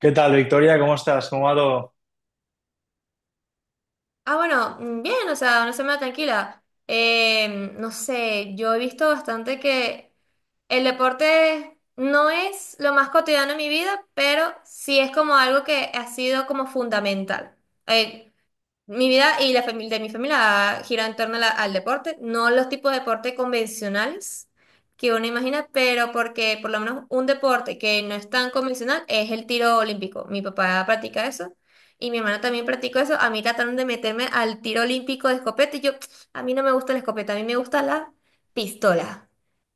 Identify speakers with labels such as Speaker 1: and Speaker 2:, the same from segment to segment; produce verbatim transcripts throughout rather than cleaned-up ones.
Speaker 1: ¿Qué tal, Victoria? ¿Cómo estás? ¿Cómo va todo?
Speaker 2: Ah, bueno, mm, bien, o sea, una semana tranquila. Eh, no sé, yo he visto bastante que el deporte no es lo más cotidiano en mi vida, pero sí es como algo que ha sido como fundamental. Eh, Mi vida y la familia de mi familia gira en torno a la- al deporte, no los tipos de deporte convencionales que uno imagina, pero porque por lo menos un deporte que no es tan convencional es el tiro olímpico. Mi papá practica eso y mi hermana también practicó eso. A mí trataron de meterme al tiro olímpico de escopeta y yo, a mí no me gusta la escopeta, a mí me gusta la pistola.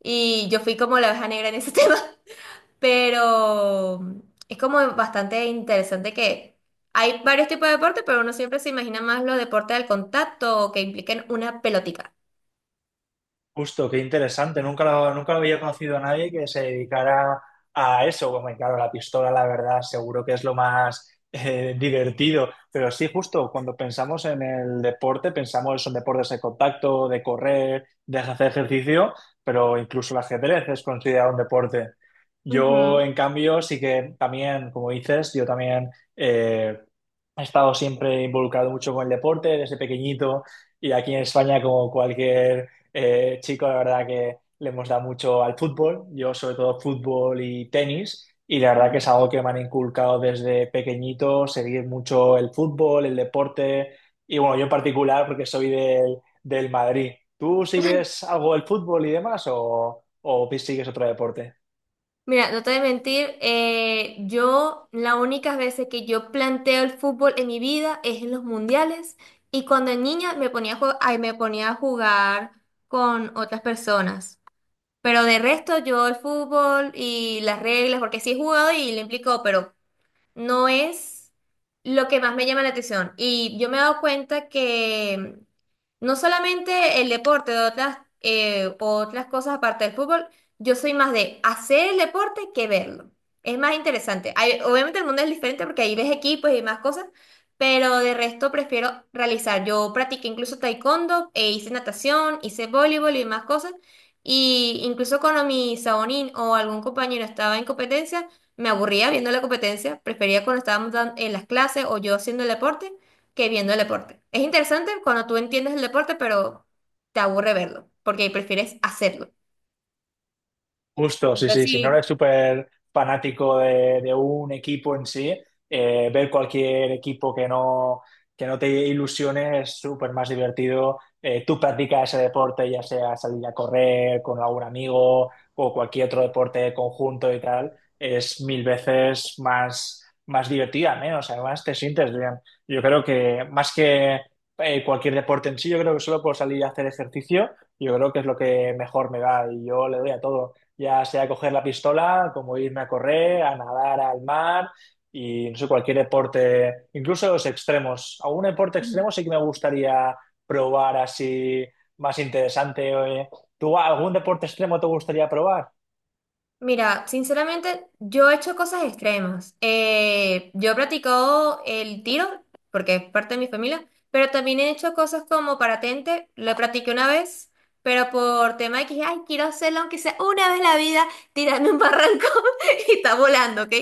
Speaker 2: Y yo fui como la oveja negra en ese tema. Pero es como bastante interesante que hay varios tipos de deporte, pero uno siempre se imagina más los deportes del contacto o que impliquen una pelotica.
Speaker 1: Justo, qué interesante. Nunca lo, nunca lo había conocido a nadie que se dedicara a eso. Bueno, y claro, la pistola, la verdad, seguro que es lo más eh, divertido. Pero sí, justo, cuando pensamos en el deporte, pensamos en deportes de contacto, de correr, de hacer ejercicio, pero incluso el ajedrez es considerado un deporte. Yo, en cambio, sí que también, como dices, yo también eh, he estado siempre involucrado mucho con el deporte desde pequeñito y aquí en España, como cualquier eh, chico, la verdad que le hemos dado mucho al fútbol, yo sobre todo fútbol y tenis, y la verdad
Speaker 2: Ujú.
Speaker 1: que es algo que me han inculcado desde pequeñito, seguir mucho el fútbol, el deporte, y bueno, yo en particular porque soy del, del Madrid. ¿Tú sigues algo del fútbol y demás o, o sigues otro deporte?
Speaker 2: Mira, no te voy a mentir, eh, yo las únicas veces que yo planteo el fútbol en mi vida es en los mundiales y cuando era niña me ponía a jue- ay, me ponía a jugar con otras personas. Pero de resto yo el fútbol y las reglas, porque sí he jugado y lo implicó, pero no es lo que más me llama la atención. Y yo me he dado cuenta que no solamente el deporte, de otras, eh, otras cosas aparte del fútbol, yo soy más de hacer el deporte que verlo. Es más interesante. Hay- obviamente el mundo es diferente porque ahí ves equipos y más cosas, pero de resto prefiero realizar. Yo practiqué incluso taekwondo, e hice natación, hice voleibol y más cosas. Y incluso cuando mi sabonín o algún compañero estaba en competencia, me aburría viendo la competencia, prefería cuando estábamos dan- en las clases o yo haciendo el deporte que viendo el deporte. Es interesante cuando tú entiendes el deporte, pero te aburre verlo, porque prefieres hacerlo.
Speaker 1: Justo,
Speaker 2: No
Speaker 1: sí,
Speaker 2: sé
Speaker 1: sí. Si
Speaker 2: si.
Speaker 1: no eres súper fanático de, de un equipo en sí, eh, ver cualquier equipo que no, que no te ilusione es súper más divertido. Eh, tú practicas ese deporte, ya sea salir a correr con algún amigo o cualquier otro deporte conjunto y tal, es mil veces más, más divertida, menos. Además, te sientes bien. Yo creo que más que eh, cualquier deporte en sí, yo creo que solo por salir a hacer ejercicio, yo creo que es lo que mejor me va y yo le doy a todo ya sea coger la pistola, como irme a correr, a nadar al mar y no sé, cualquier deporte, incluso los extremos. Algún deporte extremo sí que me gustaría probar así más interesante. eh. ¿Tú algún deporte extremo te gustaría probar?
Speaker 2: Mira, sinceramente, yo he hecho cosas extremas. Eh, yo he practicado el tiro, porque es parte de mi familia, pero también he hecho cosas como paratente. Lo practiqué una vez, pero por tema de que dije, ay, quiero hacerlo aunque sea una vez en la vida, tirarme un barranco y está volando, ¿ok?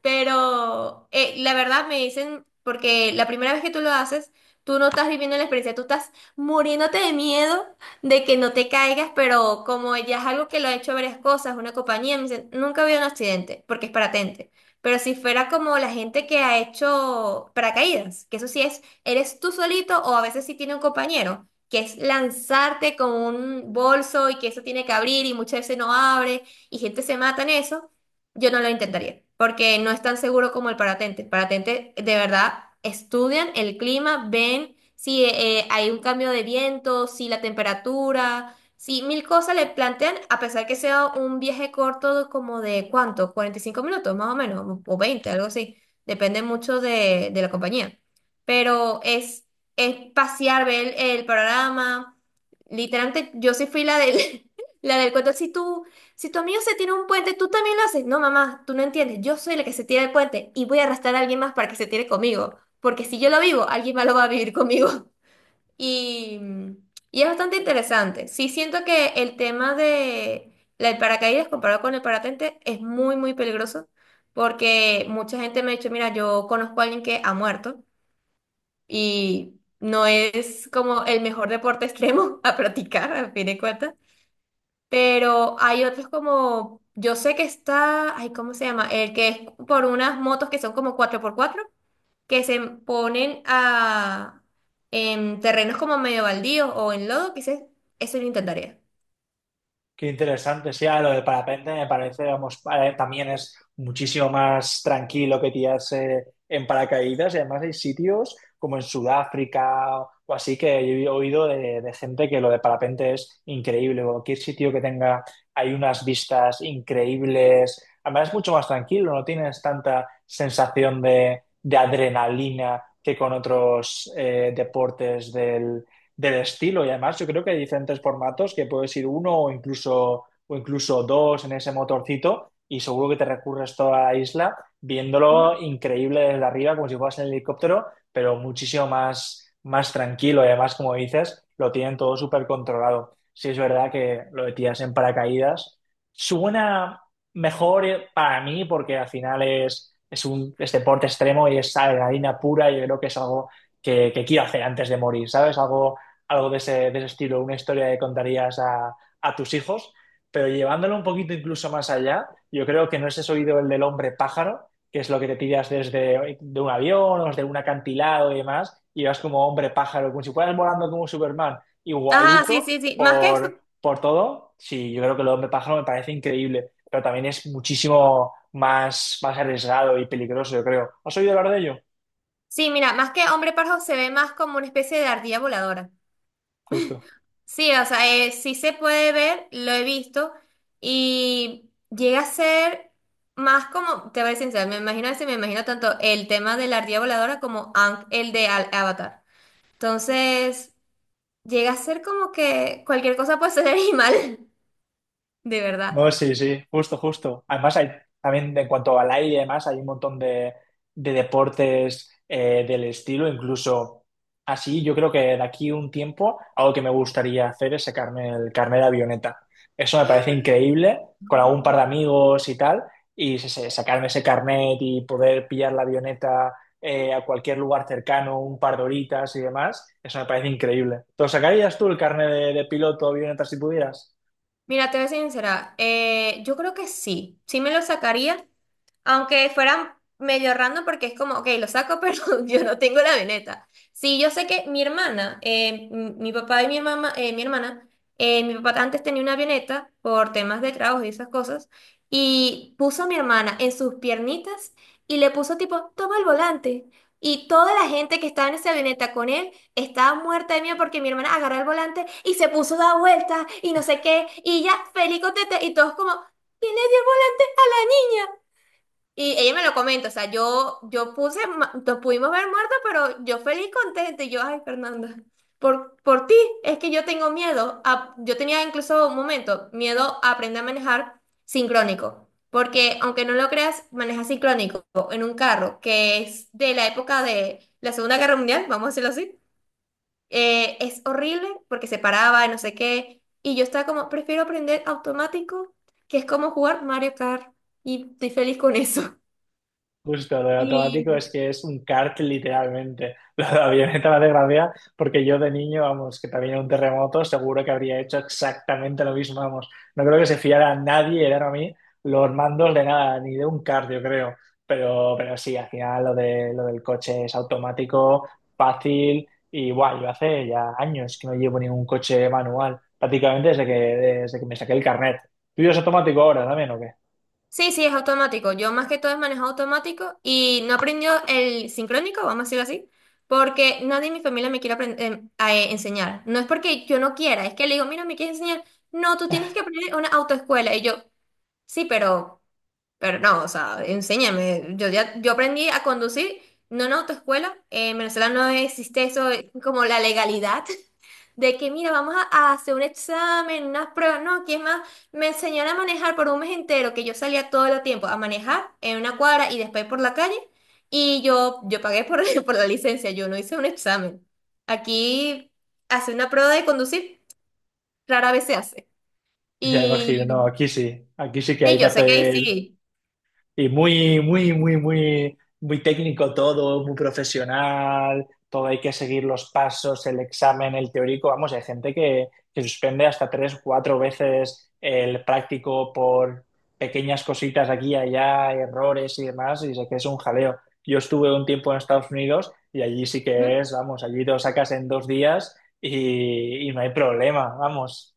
Speaker 2: Pero eh, la verdad me dicen, porque la primera vez que tú lo haces, tú no estás viviendo la experiencia, tú estás muriéndote de miedo de que no te caigas, pero como ya es algo que lo ha hecho varias cosas, una compañía, me dicen, nunca había un accidente, porque es paratente. Pero si fuera como la gente que ha hecho paracaídas, que eso sí es, eres tú solito o a veces sí tiene un compañero, que es lanzarte con un bolso y que eso tiene que abrir y muchas veces no abre y gente se mata en eso. Yo no lo intentaría, porque no es tan seguro como el paratente. El paratente, de verdad, estudian el clima, ven si eh, hay un cambio de viento, si la temperatura, si mil cosas le plantean, a pesar que sea un viaje corto como de ¿cuánto? Cuarenta y cinco minutos más o menos, o veinte, algo así. Depende mucho de, de la compañía. Pero es, es pasear, ver el, el panorama. Literalmente, yo sí fui la del, la del cuento. Si tú si tu amigo se tira un puente, tú también lo haces. No, mamá, tú no entiendes. Yo soy la que se tira el puente y voy a arrastrar a alguien más para que se tire conmigo. Porque si yo lo vivo, alguien más lo va a vivir conmigo. Y, y es bastante interesante. Sí, siento que el tema de la- el paracaídas comparado con el parapente es muy, muy peligroso. Porque mucha gente me ha dicho, mira, yo conozco a alguien que ha muerto y no es como el mejor deporte extremo a practicar, a fin de cuentas. Pero hay otros como, yo sé que está, ay, ¿cómo se llama? El que es por unas motos que son como cuatro por cuatro que se ponen a, en terrenos como medio baldíos o en lodo, quizás eso lo intentaría.
Speaker 1: Qué interesante, sí, ahora lo de parapente me parece, vamos, para- también es muchísimo más tranquilo que tirarse en paracaídas y además hay sitios como en Sudáfrica o así que he oído de, de gente que lo de parapente es increíble, cualquier sitio que tenga hay unas vistas increíbles, además es mucho más tranquilo, no tienes tanta sensación de, de adrenalina que con otros eh, deportes del estilo. Y además yo creo que hay diferentes formatos que puedes ir uno o incluso, o incluso dos en ese motorcito y seguro que te recurres toda la isla
Speaker 2: Ujú.
Speaker 1: viéndolo increíble desde arriba como si fueras en el helicóptero, pero muchísimo más, más tranquilo. Y además, como dices, lo tienen todo súper controlado. Sí es verdad que lo de tiras en paracaídas suena mejor eh, para mí porque al final es, es un es deporte extremo y es adrenalina pura y yo creo que es algo que, que quiero hacer antes de morir, ¿sabes? Algo algo de ese, de ese estilo, una historia que contarías a, a tus hijos, pero llevándolo un poquito incluso más allá, yo creo que no es ese oído el del hombre pájaro, que es lo que te tiras desde de un avión o desde un acantilado y demás, y vas como hombre pájaro, como si fueras volando como Superman,
Speaker 2: Ajá, sí,
Speaker 1: igualito
Speaker 2: sí, sí. Más que eso,
Speaker 1: por, por todo. Sí, yo creo que el hombre pájaro me parece increíble, pero también es muchísimo más, más arriesgado y peligroso, yo creo. ¿Has oído hablar de ello?
Speaker 2: sí, mira, más que hombre parjo se ve más como una especie de ardilla voladora.
Speaker 1: Justo.
Speaker 2: Sí, o sea, eh, sí se puede ver, lo he visto, y llega a ser más como, te voy a ser sincera, me imagino ese, me imagino tanto el tema de la ardilla voladora como Aang, el de Al- Avatar. Entonces, llega a ser como que cualquier cosa puede ser animal, de verdad.
Speaker 1: No, sí, sí, justo, justo. Además, hay, también en cuanto al aire y demás, hay un montón de, de deportes eh, del estilo, incluso así, yo creo que de aquí un tiempo, algo que me gustaría hacer es sacarme el carnet de avioneta. Eso me parece increíble, con algún par de
Speaker 2: Mm.
Speaker 1: amigos y tal, y se- se- sacarme ese carnet y poder pillar la avioneta eh, a cualquier lugar cercano, un par de horitas y demás, eso me parece increíble. ¿Te lo sacarías tú el carnet de, de piloto de avioneta si pudieras?
Speaker 2: Mira, te voy a ser sincera, eh, yo creo que sí, sí me lo sacaría, aunque fueran medio random porque es como, ok, lo saco, pero yo no tengo la veneta. Sí, yo sé que mi hermana, eh, m- mi papá y mi mamá, eh, mi hermana, eh, mi papá antes tenía una avioneta por temas de trabajo y esas cosas, y puso a mi hermana en sus piernitas y le puso tipo, toma el volante. Y toda la gente que estaba en esa avioneta con él estaba muerta de miedo porque mi hermana agarró el volante y se puso a dar vueltas y no sé qué, y ya feliz contenta, y todos como, ¿quién le dio el volante? Y ella me lo comenta, o sea, yo, yo puse, ma- nos pudimos ver muertos, pero yo feliz, contenta, y yo, ay, Fernanda, por, por ti, es que yo tengo miedo, a- yo tenía incluso un momento, miedo a aprender a manejar sincrónico, porque aunque no lo creas, manejar sincrónico en un carro que es de la época de la Segunda Guerra Mundial, vamos a decirlo así, eh, es horrible porque se paraba y no sé qué, y yo estaba como, prefiero aprender automático, que es como jugar Mario Kart, y estoy feliz con eso.
Speaker 1: Justo, lo de
Speaker 2: Y
Speaker 1: automático es que es un kart literalmente. Lo de la avioneta me hace gracia porque yo de niño, vamos, que también era un terremoto, seguro que habría hecho exactamente lo mismo, vamos. No creo que se fiara a nadie, era a mí, los mandos de nada, ni de un kart, yo creo. Pero, pero sí, al final lo de, lo del coche es automático, fácil y guay. Yo hace ya años que no llevo ningún coche manual, prácticamente desde que, desde que me saqué el carnet. ¿Tú ya es automático ahora también o qué?
Speaker 2: sí, sí, es automático. Yo más que todo es manejo automático y no aprendió el sincrónico, vamos a decirlo así, porque nadie en mi familia me quiere aprend- em, a, eh, enseñar. No es porque yo no quiera, es que le digo, mira, me quieres enseñar. No, tú tienes que aprender en una autoescuela. Y yo, sí, pero, pero no, o sea, enséñame. Yo ya, yo aprendí a conducir, no en autoescuela. Eh, en Venezuela no existe eso eh, como la legalidad. De que, mira, vamos a, a hacer un examen, unas pruebas, no, ¿quién más? Me enseñaron a manejar por un mes entero, que yo salía todo el tiempo a manejar en una cuadra y después por la calle, y yo, yo pagué por, por, la licencia, yo no hice un examen. Aquí hace una prueba de conducir rara vez se hace.
Speaker 1: Ya imagino, no,
Speaker 2: Y
Speaker 1: aquí sí, aquí sí que
Speaker 2: sí,
Speaker 1: hay que
Speaker 2: yo sé que ahí
Speaker 1: hacer,
Speaker 2: sí.
Speaker 1: y muy, muy, muy, muy, muy técnico todo, muy profesional, todo hay que seguir los pasos, el examen, el teórico, vamos, hay gente que, que suspende hasta tres, cuatro veces el práctico por pequeñas cositas aquí y allá, errores y demás, y sé que es un jaleo. Yo estuve un tiempo en Estados Unidos y allí sí
Speaker 2: Ujú.
Speaker 1: que es, vamos, allí lo sacas en dos días y, y no hay problema, vamos,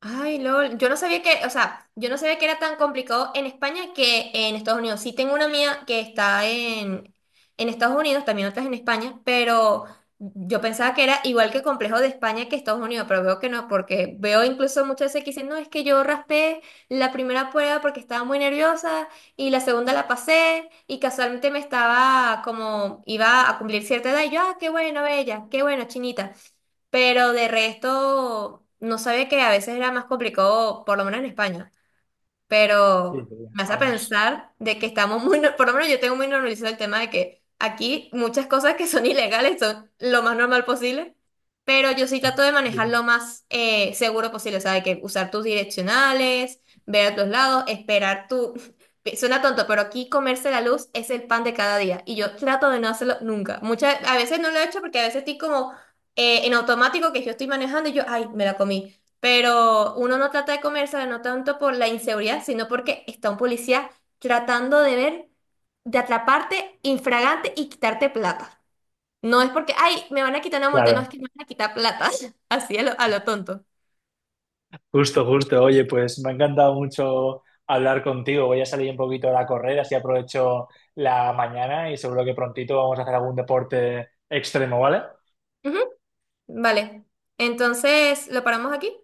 Speaker 2: Ay, LOL, yo no sabía que, o sea, yo no sabía que era tan complicado en España que en Estados Unidos. Sí tengo una amiga que está en, en Estados Unidos, también otra es en España, pero yo pensaba que era igual que complejo de España que Estados Unidos, pero veo que no, porque veo incluso muchas veces que dicen, no, es que yo raspé la primera prueba porque estaba muy nerviosa y la segunda la pasé y casualmente me estaba como, iba a cumplir cierta edad y yo, ah, qué bueno, bella, qué bueno, chinita. Pero de resto, no sabía que a veces era más complicado, por lo menos en España,
Speaker 1: sí,
Speaker 2: pero
Speaker 1: sí,
Speaker 2: me hace
Speaker 1: vamos,
Speaker 2: pensar de que estamos muy, no- por lo menos yo tengo muy normalizado el tema de que aquí muchas cosas que son ilegales son lo más normal posible, pero yo sí trato de manejar
Speaker 1: digo.
Speaker 2: lo más eh, seguro posible, o sea, de que usar tus direccionales, ver a tus lados, esperar tu. Suena tonto, pero aquí comerse la luz es el pan de cada día y yo trato de no hacerlo nunca. Muchas, a veces no lo he hecho porque a veces estoy como eh, en automático que yo estoy manejando y yo, ay, me la comí. Pero uno no trata de comérsela no tanto por la inseguridad, sino porque está un policía tratando de ver, de atraparte infragante y quitarte plata. No es porque, ay, me van a quitar una multa, no,
Speaker 1: Claro,
Speaker 2: es que me van a quitar plata. Así a lo, a lo tonto.
Speaker 1: justo, justo. Oye, pues me ha encantado mucho hablar contigo. Voy a salir un poquito a correr, así aprovecho la mañana y seguro que prontito vamos a hacer algún deporte extremo, ¿vale?
Speaker 2: Ujú, vale. Entonces, ¿lo paramos aquí?